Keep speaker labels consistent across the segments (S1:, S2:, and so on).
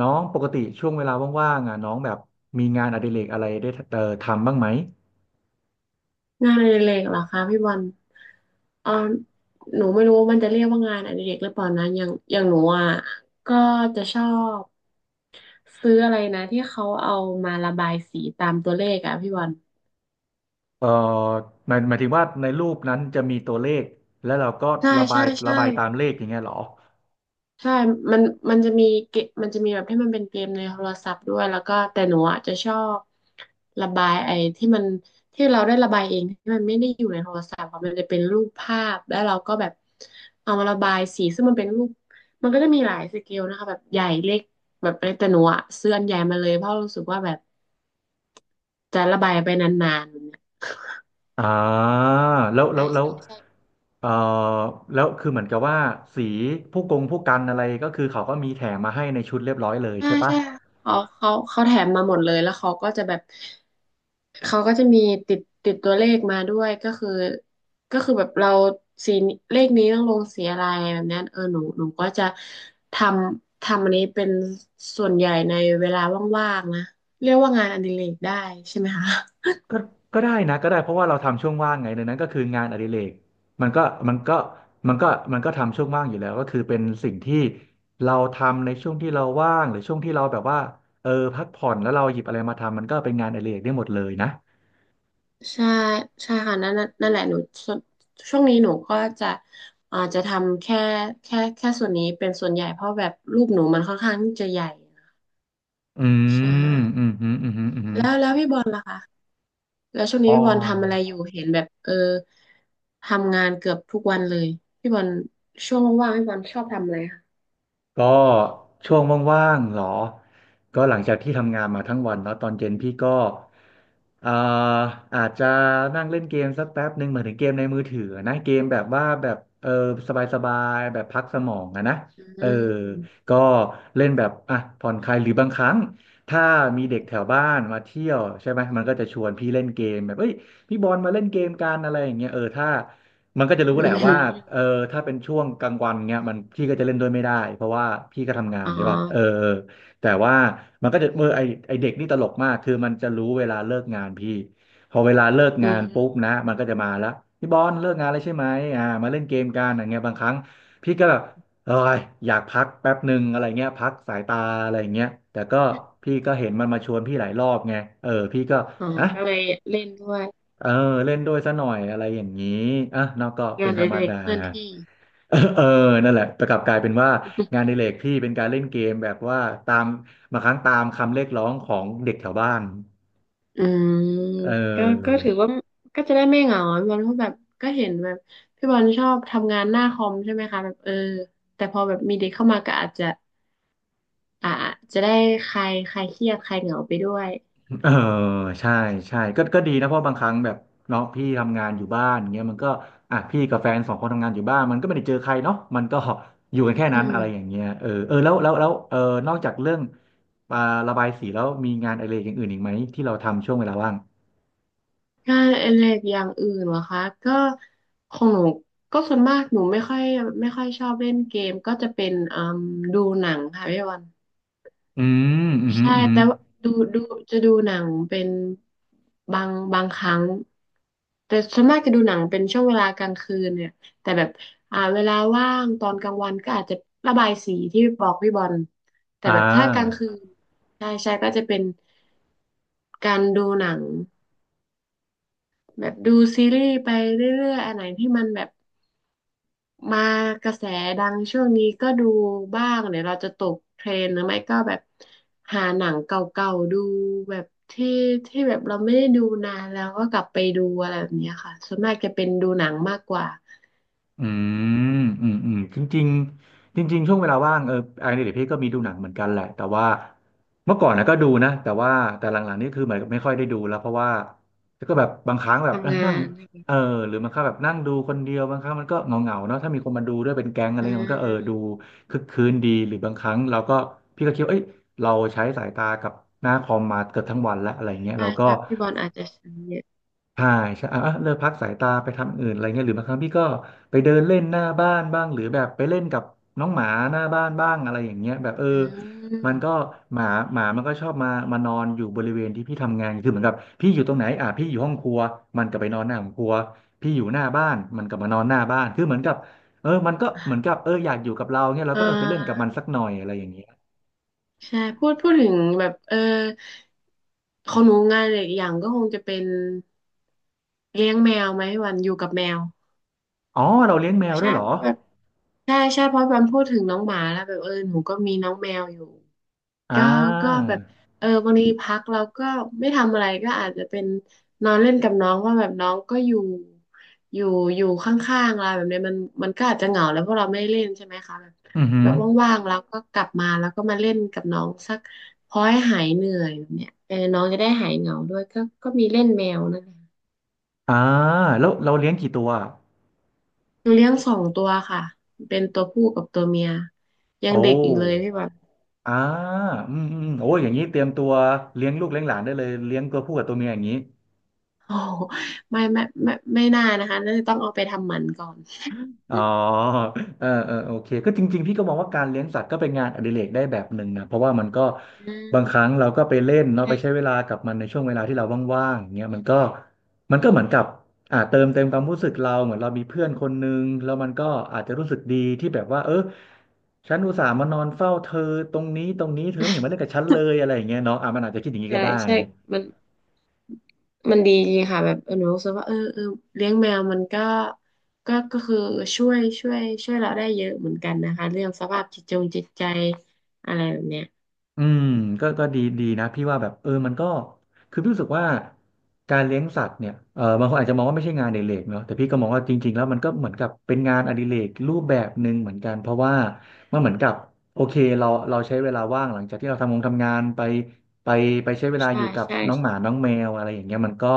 S1: น้องปกติช่วงเวลาว่างๆอ่ะน้องแบบมีงานอดิเรกอะไรได้ทำบ้างไหม
S2: งานอดิเรกเหรอคะพี่บอลเออหนูไม่รู้ว่ามันจะเรียกว่างานอดิเรกหรือเปล่านะอย่างหนูอ่ะก็จะชอบซื้ออะไรนะที่เขาเอามาระบายสีตามตัวเลขอ่ะพี่บอล
S1: เอ่อหมายถึงว่าในรูปนั้นจะมีตัวเลขแล้วเราก็
S2: ใช่
S1: ระบา
S2: ใช่
S1: ยระ
S2: ใช่
S1: บายตามเลขอย่างเงี้ยเหรอ
S2: ใช่มันมันจะมีเกมมันจะมีแบบที่มันเป็นเกมในโทรศัพท์ด้วยแล้วก็แต่หนูอ่ะจะชอบระบายไอ้ที่มันที่เราได้ระบายเองที่มันไม่ได้อยู่ในโทรศัพท์อะมันจะเป็นรูปภาพแล้วเราก็แบบเอามาระบายสีซึ่งมันเป็นรูปมันก็จะมีหลายสเกลนะคะแบบใหญ่เล็กแบบอะไรแต่หนูอ่ะซื้ออันใหญ่มาเลยเพราะรู้สึกว่าแบบจะระบายไปนานๆแบบเนี้ย
S1: อ่าแล้วแล้
S2: ใช่
S1: วแล้ว
S2: ใช่ใช่
S1: เอ่อแล้วคือเหมือนกับว่าสีผู้กงผู้กันอะไรก็คือเขาก็มีแถมมาให้ในชุดเรียบร้อยเลย
S2: ใช่
S1: ใช่ปะ
S2: ใช่เขาแถมมาหมดเลยแล้วเขาก็จะแบบ เขาก็จะมีติดตัวเลขมาด้วยก็คือแบบเราสีเลขนี้ต้องลงสีอะไรแบบเนี้ยเออหนูก็จะททำอันนี้เป็นส่วนใหญ่ในเวลาว่างๆนะเรียกว่างานอดิเรกได้ใช่ไหมคะ
S1: ก็ก็ได้นะก็ได้เพราะว่าเราทำช่วงว่างไงดังนั้นก็คืองานอดิเรกมันก็มันก็มันก็มันก็ทำช่วงว่างอยู่แล้วก็คือเป็นสิ่งที่เราทำในช่วงที่เราว่างหรือช่วงที่เราแบบว่าเออพักผ่อนแล้วเราหยิบอะไรมาทำมันก็เป็นงานอดิเรกได้หมดเลยนะ
S2: ใช่ใช่ค่ะนั่นน่ะนั่นแหละหนูส่วนช่วงนี้หนูก็จะอ่าจะทำแค่ส่วนนี้เป็นส่วนใหญ่เพราะแบบรูปหนูมันค่อนข้างที่จะใหญ่
S1: อื
S2: ใช่
S1: มอืมอืมอืมอืมอม
S2: แล้วพี่บอลล่ะคะ แล้วช่วง
S1: อ๋
S2: นี้พี่บอลทำอะไร
S1: อ
S2: อยู่เห็นแบบเออทำงานเกือบทุกวันเลยพี่บอลช่วงว่างๆพี่บอลชอบทำอะไรคะ
S1: ก็ช่วงว่างๆเหรอก็หลังจากที่ทำงานมาทั้งวันเนาะตอนเย็นพี่ก็อ่าอาจจะนั่งเล่นเกมสักแป๊บหนึ่งเหมือนถึงเกมในมือถือนะเกมแบบว่าแบบเออสบายๆแบบพักสมองอะนะ
S2: อ
S1: เอ
S2: ื
S1: อ
S2: ม
S1: ก็เล่นแบบอ่ะผ่อนคลายหรือบางครั้งถ้ามีเด็กแถวบ้านมาเที่ยวใช่ไหมมันก็จะชวนพี่เล่นเกมแบบเอ้ยพี่บอลมาเล่นเกมกันอะไรอย่างเงี้ยเออถ้า มันก็จะรู้
S2: อื
S1: แหละว่าเออ
S2: ม
S1: ถ้าเป็นช่วงกลางวันเงี้ยมันพี่ก็จะเล่นด้วยไม่ได้เพราะว่าพี่ก็ทำงาน
S2: อ๋อ
S1: ใช่ป่ะเออแต่ว่ามันก็จะเออไอเด็กนี่ตลกมากคือมันจะรู้เวลาเลิกงานพี่พอเวลาเลิก
S2: อื
S1: งา
S2: ม
S1: นปุ๊บนะมันก็จะมาแล้วพี่บอลเลิกงานแล้วใช่ไหมอ่ามาเล่นเกมกันอย่างเงี้ยบางครั้งพี่ก็แบบเอออยากพักแป๊บหนึ่งอะไรเงี้ยพักสายตาอะไรเงี้ยแต่ก็พี่ก็เห็นมันมาชวนพี่หลายรอบไงเออพี่ก็
S2: อ๋อ
S1: อ่ะ
S2: ก็เลยเล่นด้วย
S1: เออเล่นด้วยซะหน่อยอะไรอย่างนี้อ่ะเนอกก็
S2: งา
S1: เป็น
S2: นอ
S1: ธรรม
S2: ดิเรก
S1: ดา
S2: เคลื่อนที่
S1: เออเออนั่นแหละแต่กลับกลายเป็นว่างานอ ดิเรกพี่เป็นการเล่นเกมแบบว่าตามบางครั้งตามคำเรียกร้องของเด็กแถวบ้าน
S2: อืม
S1: เอ
S2: ก็
S1: อ
S2: ถือว่าก็จะได้ไม่เหงาพี่บอลก็แบบก็เห็นแบบพี่บอลชอบทำงานหน้าคอมใช่ไหมคะแบบเออแต่พอแบบมีเด็กเข้ามาก็อาจจะอ่าจะได้คลายคลายเครียดคลายเหงาไปด้วย
S1: เออใช่ใช่ก็ดีนะเพราะบางครั้งแบบเนาะพี่ทำงานอยู่บ้านเงี้ยมันก็อ่ะพี่กับแฟนสองคนทำงานอยู่บ้านมันก็ไม่ได้เจอใครเนาะมันก็อยู่กันแค่
S2: อื
S1: นั้นอะไรอ
S2: ม
S1: ย่างเงี้ยเออเออแล้วแล้วแล้วเออนอกจากเรื่องอ่าระบายสีแล้วมีงานอะไรกอย่างอื่นอีกไหมที่เราทำช่วงเวลาว่าง
S2: งานอดิเรกอย่างอื่นเหรอคะก็ของหนูก็ส่วนมากหนูไม่ค่อยชอบเล่นเกมก็จะเป็นอืมดูหนังค่ะพี่วัน
S1: อืม อืมอหืม
S2: ใช่
S1: ออือหื
S2: แต่
S1: อ
S2: ว่าดูดูจะดูหนังเป็นบางครั้งแต่ส่วนมากจะดูหนังเป็นช่วงเวลากลางคืนเนี่ยแต่แบบอ่าเวลาว่างตอนกลางวันก็อาจจะระบายสีที่บอกพี่บอลแต่
S1: อ่
S2: แบบถ้ากลาง
S1: า
S2: คืนใช่ใช่ก็จะเป็นการดูหนัง แบบดูซีรีส์ไปเรื่อยๆอันไหนที่มันแบบมากระแสดังช่วงนี้ก็ดูบ้างเดี๋ยวเราจะตกเทรนด์หรือไม่ก็แบบหาหนังเก่าๆดูแบบที่ที่แบบเราไม่ได้ดูนานแล้วก็กลับไปดูอะไรแบบเนี้ยค่ะส่วนมากจะเป็นดูหนังมากกว่า
S1: อืมอืมอืมจริงๆจริงๆช่วงเวลาว่างเอองานอดิเรกพี่ก็มีดูหนังเหมือนกันแหละแต่ว่าเมื่อก่อนนะก็ดูนะแต่ว่าแต่หลังๆนี่คือเหมือนกับไม่ค่อยได้ดูแล้วเพราะว่าก็แบบบางครั้งแบบ
S2: ทำงา
S1: นั่ง
S2: น
S1: เออหรือบางครั้งแบบนั่งดูคนเดียวบางครั้งมันก็เหงาๆเนาะถ้ามีคนมาดูด้วยเป็นแก๊งอะไร
S2: อื
S1: เงี้ยมันก็เออดู
S2: ม
S1: คึกคืนดีหรือบางครั้งเราก็พี่ก็คิดว่าเอ้ยเราใช้สายตากับหน้าคอมมาเกือบทั้งวันแล้วอะไรเงี้ย
S2: ใช่
S1: เราก็
S2: ใช่พี่บอลอาจจะใช้เยอะ
S1: ใช่ใช่อ่ะอ่ะเลิกพักสายตาไปทำอื่นอะไรเงี้ยหรือบางครั้งพี่ก็ไปเดินเล่นหน้าบ้านบ้างหรือแบบไปเล่นกับน้องหมาหน้าบ้านบ้างอะไรอย่างเงี้ยแบบเออ
S2: อื
S1: มันก็
S2: ม
S1: หมามันก็ชอบมานอนอยู่บริเวณที่พี่ทำงานคือเหมือนกับพี่อยู่ตรงไหนอ่ะพี่อยู่ห้องครัวมันก็ไปนอนหน้าห้องครัวพี่อยู่หน้าบ้านมันก็มานอนหน้าบ้านคือเหมือนกับเออมันก็เหมือนกับเอออยากอยู่กับเราเงี้ยเราก็
S2: อ่า
S1: เออไปเล่นกับมันสักหน่อยอะไรอย่างเงี้ย
S2: ใช่พูดถึงแบบเออของหนูงานอีกอย่างก็คงจะเป็น เลี้ยงแมวไหมวันอยู่กับแมว
S1: อ๋อเราเลี้ยงแมวด้
S2: ใช่
S1: วยเหร
S2: เพ
S1: อ
S2: ราะแบบใช่ใช่เพราะวันพูดถึงน้องหมาแล้วแบบเออหนูก็มีน้องแมวอยู่
S1: อ่า
S2: ก็ก็แบบเออบางทีพักเราก็ไม่ทำอะไรก็อาจจะเป็นนอนเล่นกับน้องว่าแบบน้องก็อยู่อยู่ข้างๆเราแบบเนี้ยมันก็อาจจะเหงาแล้วเพราะเราไม่ได้เล่นใช่ไหมคะแบบ
S1: อือหื
S2: แบ
S1: อ
S2: บว่างๆเราก็กลับมาแล้วก็มาเล่นกับน้องสักพอให้หายเหนื่อยแบบเนี้ยเออน้องจะได้หายเหงาด้วยก็ก็มีเล่นแมวนะคะ
S1: อ่าแล้วเราเลี้ยงกี่ตัว
S2: เลี้ยงสองตัวค่ะเป็นตัวผู้กับตัวเมียยัง
S1: โอ้
S2: เด็กอยู่เลยพี่แบบ
S1: อ่าอืมอืมโอ้อย่างนี้เตรียมตัวเลี้ยงลูกเลี้ยงหลานได้เลยเลี้ยงตัวผู้กับตัวเมียอย่างนี้
S2: โอ้โหไม่ไม่ไม่ไม่น่านะคะน่าจะต้องเอาไปทำหมันก่อน
S1: อ๋อเออเออโอเคก็จริงๆ พี่ก็มองว่าการเลี้ยงสัตว์ก็เป็นงานอดิเรกได้แบบหนึ่งนะเพราะว่ามันก็
S2: อื
S1: บางค
S2: ม
S1: รั้งเราก็ไปเล่นเนาะไปใช้
S2: ใช่
S1: เวลากับมันในช่วงเวลาที่เราว่างๆอย่างเงี้ยมันก็เหมือนกับเติมเต็มความรู้สึกเราเหมือนเรามีเพื่อนคนนึงแล้วมันก็อาจจะรู้สึกดีที่แบบว่าเออฉันอุตส่าห์มานอนเฝ้าเธอตรงนี้เธอไม่เห็นมาเล่นกับฉันเลยอะไรอย่างเงี้ยเนาะอ่ะมันอาจจะคิดอย่างนี้ก็
S2: ใช่
S1: ได้
S2: ใช่มันมันดีจริงค่ะแบบเออหนูรู้สึกว่าเออเออเลี้ยงแมวมันก็ก็คือช่วยเราได้เยอะเหมือนกันนะคะเรื่องสภาพจิตจงจิตใจอะไรแบบเนี้ย
S1: อืมก็ดีนะพี่ว่าแบบเออมันก็คือพี่รู้สึกว่าการเลี้ยงสัตว์เนี่ยเออบางคนอาจจะมองว่าไม่ใช่งานอดิเรกเนาะแต่พี่ก็มองว่าจริงๆแล้วมันก็เหมือนกับเป็นงานอดิเรกรูปแบบหนึ่งเหมือนกันเพราะว่ามันเหมือนกับโอเคเราใช้เวลาว่างหลังจากที่เราทำงานไปไปใช้เวลาอ
S2: ใช่
S1: ยู่กับ
S2: ใช่
S1: น้องห
S2: ใช่
S1: มาน้องแมวอะไรอย่างเงี้ยมันก็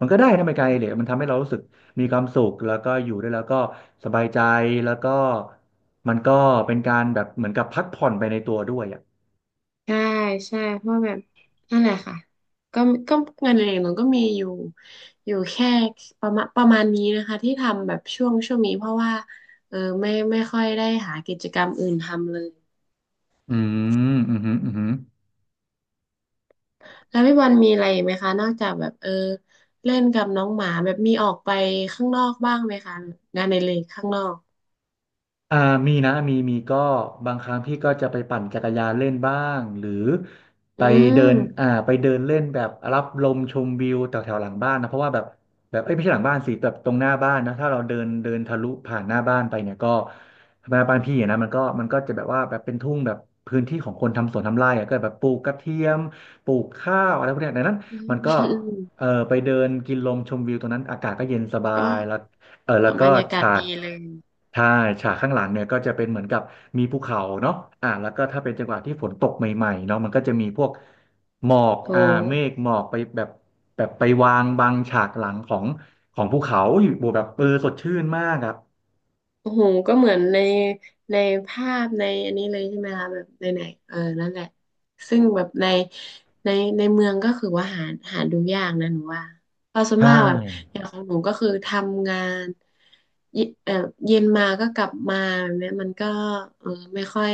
S1: มันก็ได้นะเป็นการอดิเรกมันทำให้เรารู้สึกมีความสุขแล้วก็อยู่ด้วยแล้วก็สบายใจแล้วก็มันก็เป็นการแบบเหมือนกับพักผ่อนไปในตัวด้วยอ่ะ
S2: ใช่ใช่เพราะแบบนั่นแหละค่ะก็ก็งานอดิเรกหนูก็มีอยู่แค่ประมาณนี้นะคะที่ทำแบบช่วงนี้เพราะว่าเออไม่ค่อยได้หากิจกรรมอื่นทำเลย
S1: อืมอืมอหืมออือหือ
S2: แล้วพี่บอลมีอะไรอีกไหมคะนอกจากแบบเออเล่นกับน้องหมาแบบมีออกไปข้างนอกบ้างไหมคะงานในเรกข้างนอก
S1: อ่ามีนะมี ก็บางครั้งพี่ก็จะไปปั่นจักรยานเล่นบ้าง หรือไป
S2: อื
S1: เดิ
S2: ม
S1: นไปเดินเล่นแบบรับลมชมวิวแถวแถวหลังบ้านนะเพราะว่าแบบเอ้ยไม่ใช่หลังบ้านสิแบบตรงหน้าบ้านนะถ้าเราเดินเดินทะลุผ่านหน้าบ้านไปเนี่ยก็หน้าบ้านพี่อะนะมันก็จะแบบว่าแบบเป็นทุ่งแบบพื้นที่ของคนทำสวนทำไร่อะก็แบบปลูกกระเทียมปลูกข้าวอะไรพวกเนี้ยดังนั้น
S2: อืม
S1: มันก็
S2: อืม
S1: เออไปเดินกินลมชมวิวตรงนั้นอากาศก็เย็นสบา
S2: ก็
S1: ยแล้ว เออแล้ว
S2: บ
S1: ก็
S2: รรยากาศ
S1: ฉาก
S2: ดีเลย
S1: ใช่ฉากข้างหลังเนี่ยก็จะเป็นเหมือนกับมีภูเขาเนาะอ่าแล้วก็ถ้าเป็นจังหวะที่ฝนตกใหม่ๆเนาะมันก็จะมีพวกหมอก
S2: โอ
S1: เมฆ
S2: ้
S1: หมอกไปแบบไปวางบังฉากหลังของภูเขาอยู่บวกแบบเออสดชื่นมากอ่ะ
S2: โอ้โห ก็เหมือนในภาพในอันนี้เลยใช่ไหมคะแบบในไหนเออนั่นแหละซึ่งแบบในในในเมืองก็คือว่าหาดูยากนะหนูว่าเพราะส่วนมา
S1: ใช่
S2: กแบบอย่างของหนูก็คือทำงานเยเออเย็นมาก็กลับมาแบบเนี้ยมันก็เออไม่ค่อย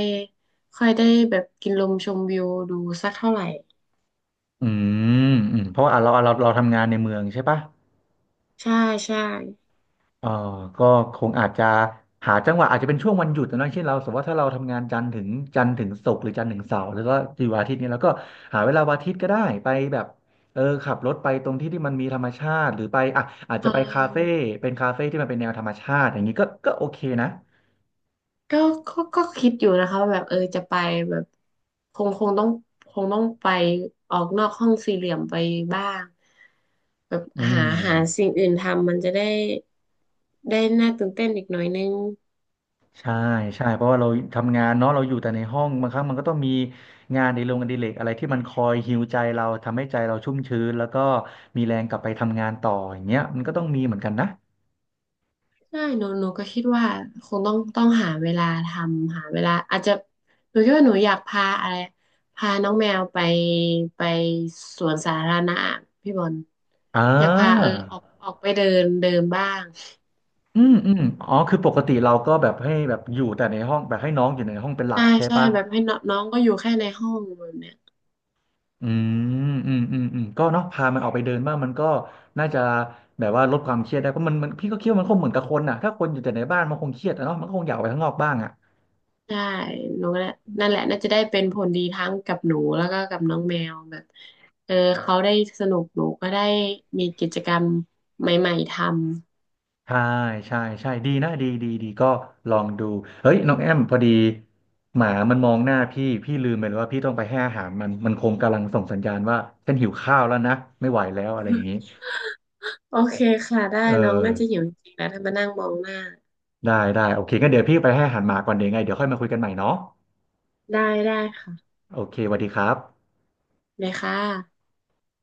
S2: ค่อยได้แบบกินลมชมวิวดูสักเท่าไหร่
S1: อืมอืมเพราะว่าอ่ะเราทำงานในเมืองใช่ปะ
S2: ใช่ใช่
S1: เออก็คงอาจจะหาจังหวะอาจจะเป็นช่วงวันหยุดนะเช่นเราสมมติว่าถ้าเราทำงานจันทร์ถึงศุกร์หรือจันทร์ถึงเสาร์แล้วก็อยวันอาทิตย์เนี่ยเราก็หาเวลาวันอาทิตย์ก็ได้ไปแบบเออขับรถไปตรงที่ที่มันมีธรรมชาติหรือไปอ่ะอาจ
S2: เออ
S1: จะไปคาเฟ่เป็นคาเฟ่ที่มันเป็นแนวธรรมชาติอย่างนี้ก็โอเคนะ
S2: ก็ก็คิดอยู่นะคะว่าแบบเออจะไปแบบคงคงต้องคงต้องไปออกนอกห้องสี่เหลี่ยมไปบ้างแบบ
S1: อืม
S2: หาหาสิ่งอื่นทำมันจะได้ได้น่าตื่นเต้นอีกหน่อยนึง
S1: ใช่ใช่เพราะว่าเราทำงานเนาะเราอยู่แต่ในห้องบางครั้งมันก็ต้องมีงานอดนโรงงานอดิเรกอะไรที่มันคอยฮีลใจเราทำให้ใจเราชุ่มชื้นแล้วก็มีแรงกลับไปทำงานต่ออย่างเงี้ยมันก็ต้องมีเหมือนกันนะ
S2: ใช่หนูก็คิดว่าคงต้องหาเวลาทำหาเวลาอาจจะหนูคิดว่าหนูอยากพาอะไรพาน้องแมวไปสวนสาธารณะพี่บอล
S1: อ่
S2: อยากพาเออ
S1: า
S2: ออกไปเดินเดินบ้าง
S1: อืมอืมอ๋อคือปกติเราก็แบบให้แบบอยู่แต่ในห้องแบบให้น้องอยู่ในห้องเป็นหลัก
S2: ใช่
S1: ใช่
S2: ใช่
S1: ปะ
S2: แบบให้น้องน้องก็อยู่แค่ในห้องแบบเนี้ย
S1: อืมอืมก็เนาะพามันออกไปเดินบ้างมันก็น่าจะแบบว่าลดความเครียดได้เพราะมันพี่ก็คิดว่ามันคงเหมือนกับคนน่ะถ้าคนอยู่แต่ในบ้านมันคงเครียดอะเนาะมันก็คงอยากออกไปข้างนอกบ้างอ่ะ
S2: ใช่หนูก็น่ะนั่นแหละน่าจะได้เป็นผลดีทั้งกับหนูแล้วก็กับน้องแมวแบบเออเขาได้สนุกหนูก็ได้มีกิจกรรมใหม่ๆทำ
S1: ใช่ใช่ใช่ดีนะดีก็ลองดูเฮ้ยน้องแอมพอดีหมามันมองหน้าพี่พี่ลืมไปเลยว่าพี่ต้องไปให้อาหารมันคงกำลังส่งสัญญาณว่าฉันหิวข้าวแล้วนะไม่ไหวแล้วอะไรอย่างนี้
S2: โอเคค่ะได้
S1: เออ
S2: น้องน่าจะหิวจริงๆแล้วถ้ามานั่งมองหน้า
S1: ได้โอเคงั้นเดี๋ยวพี่ไปให้อาหารหมาก่อนเดี๋ยวไงเดี๋ยวค่อยมาคุยกันใหม่เนาะ
S2: ได้ได้ค่ะ
S1: โอเคสวัสดีครับ
S2: เลยค่ะ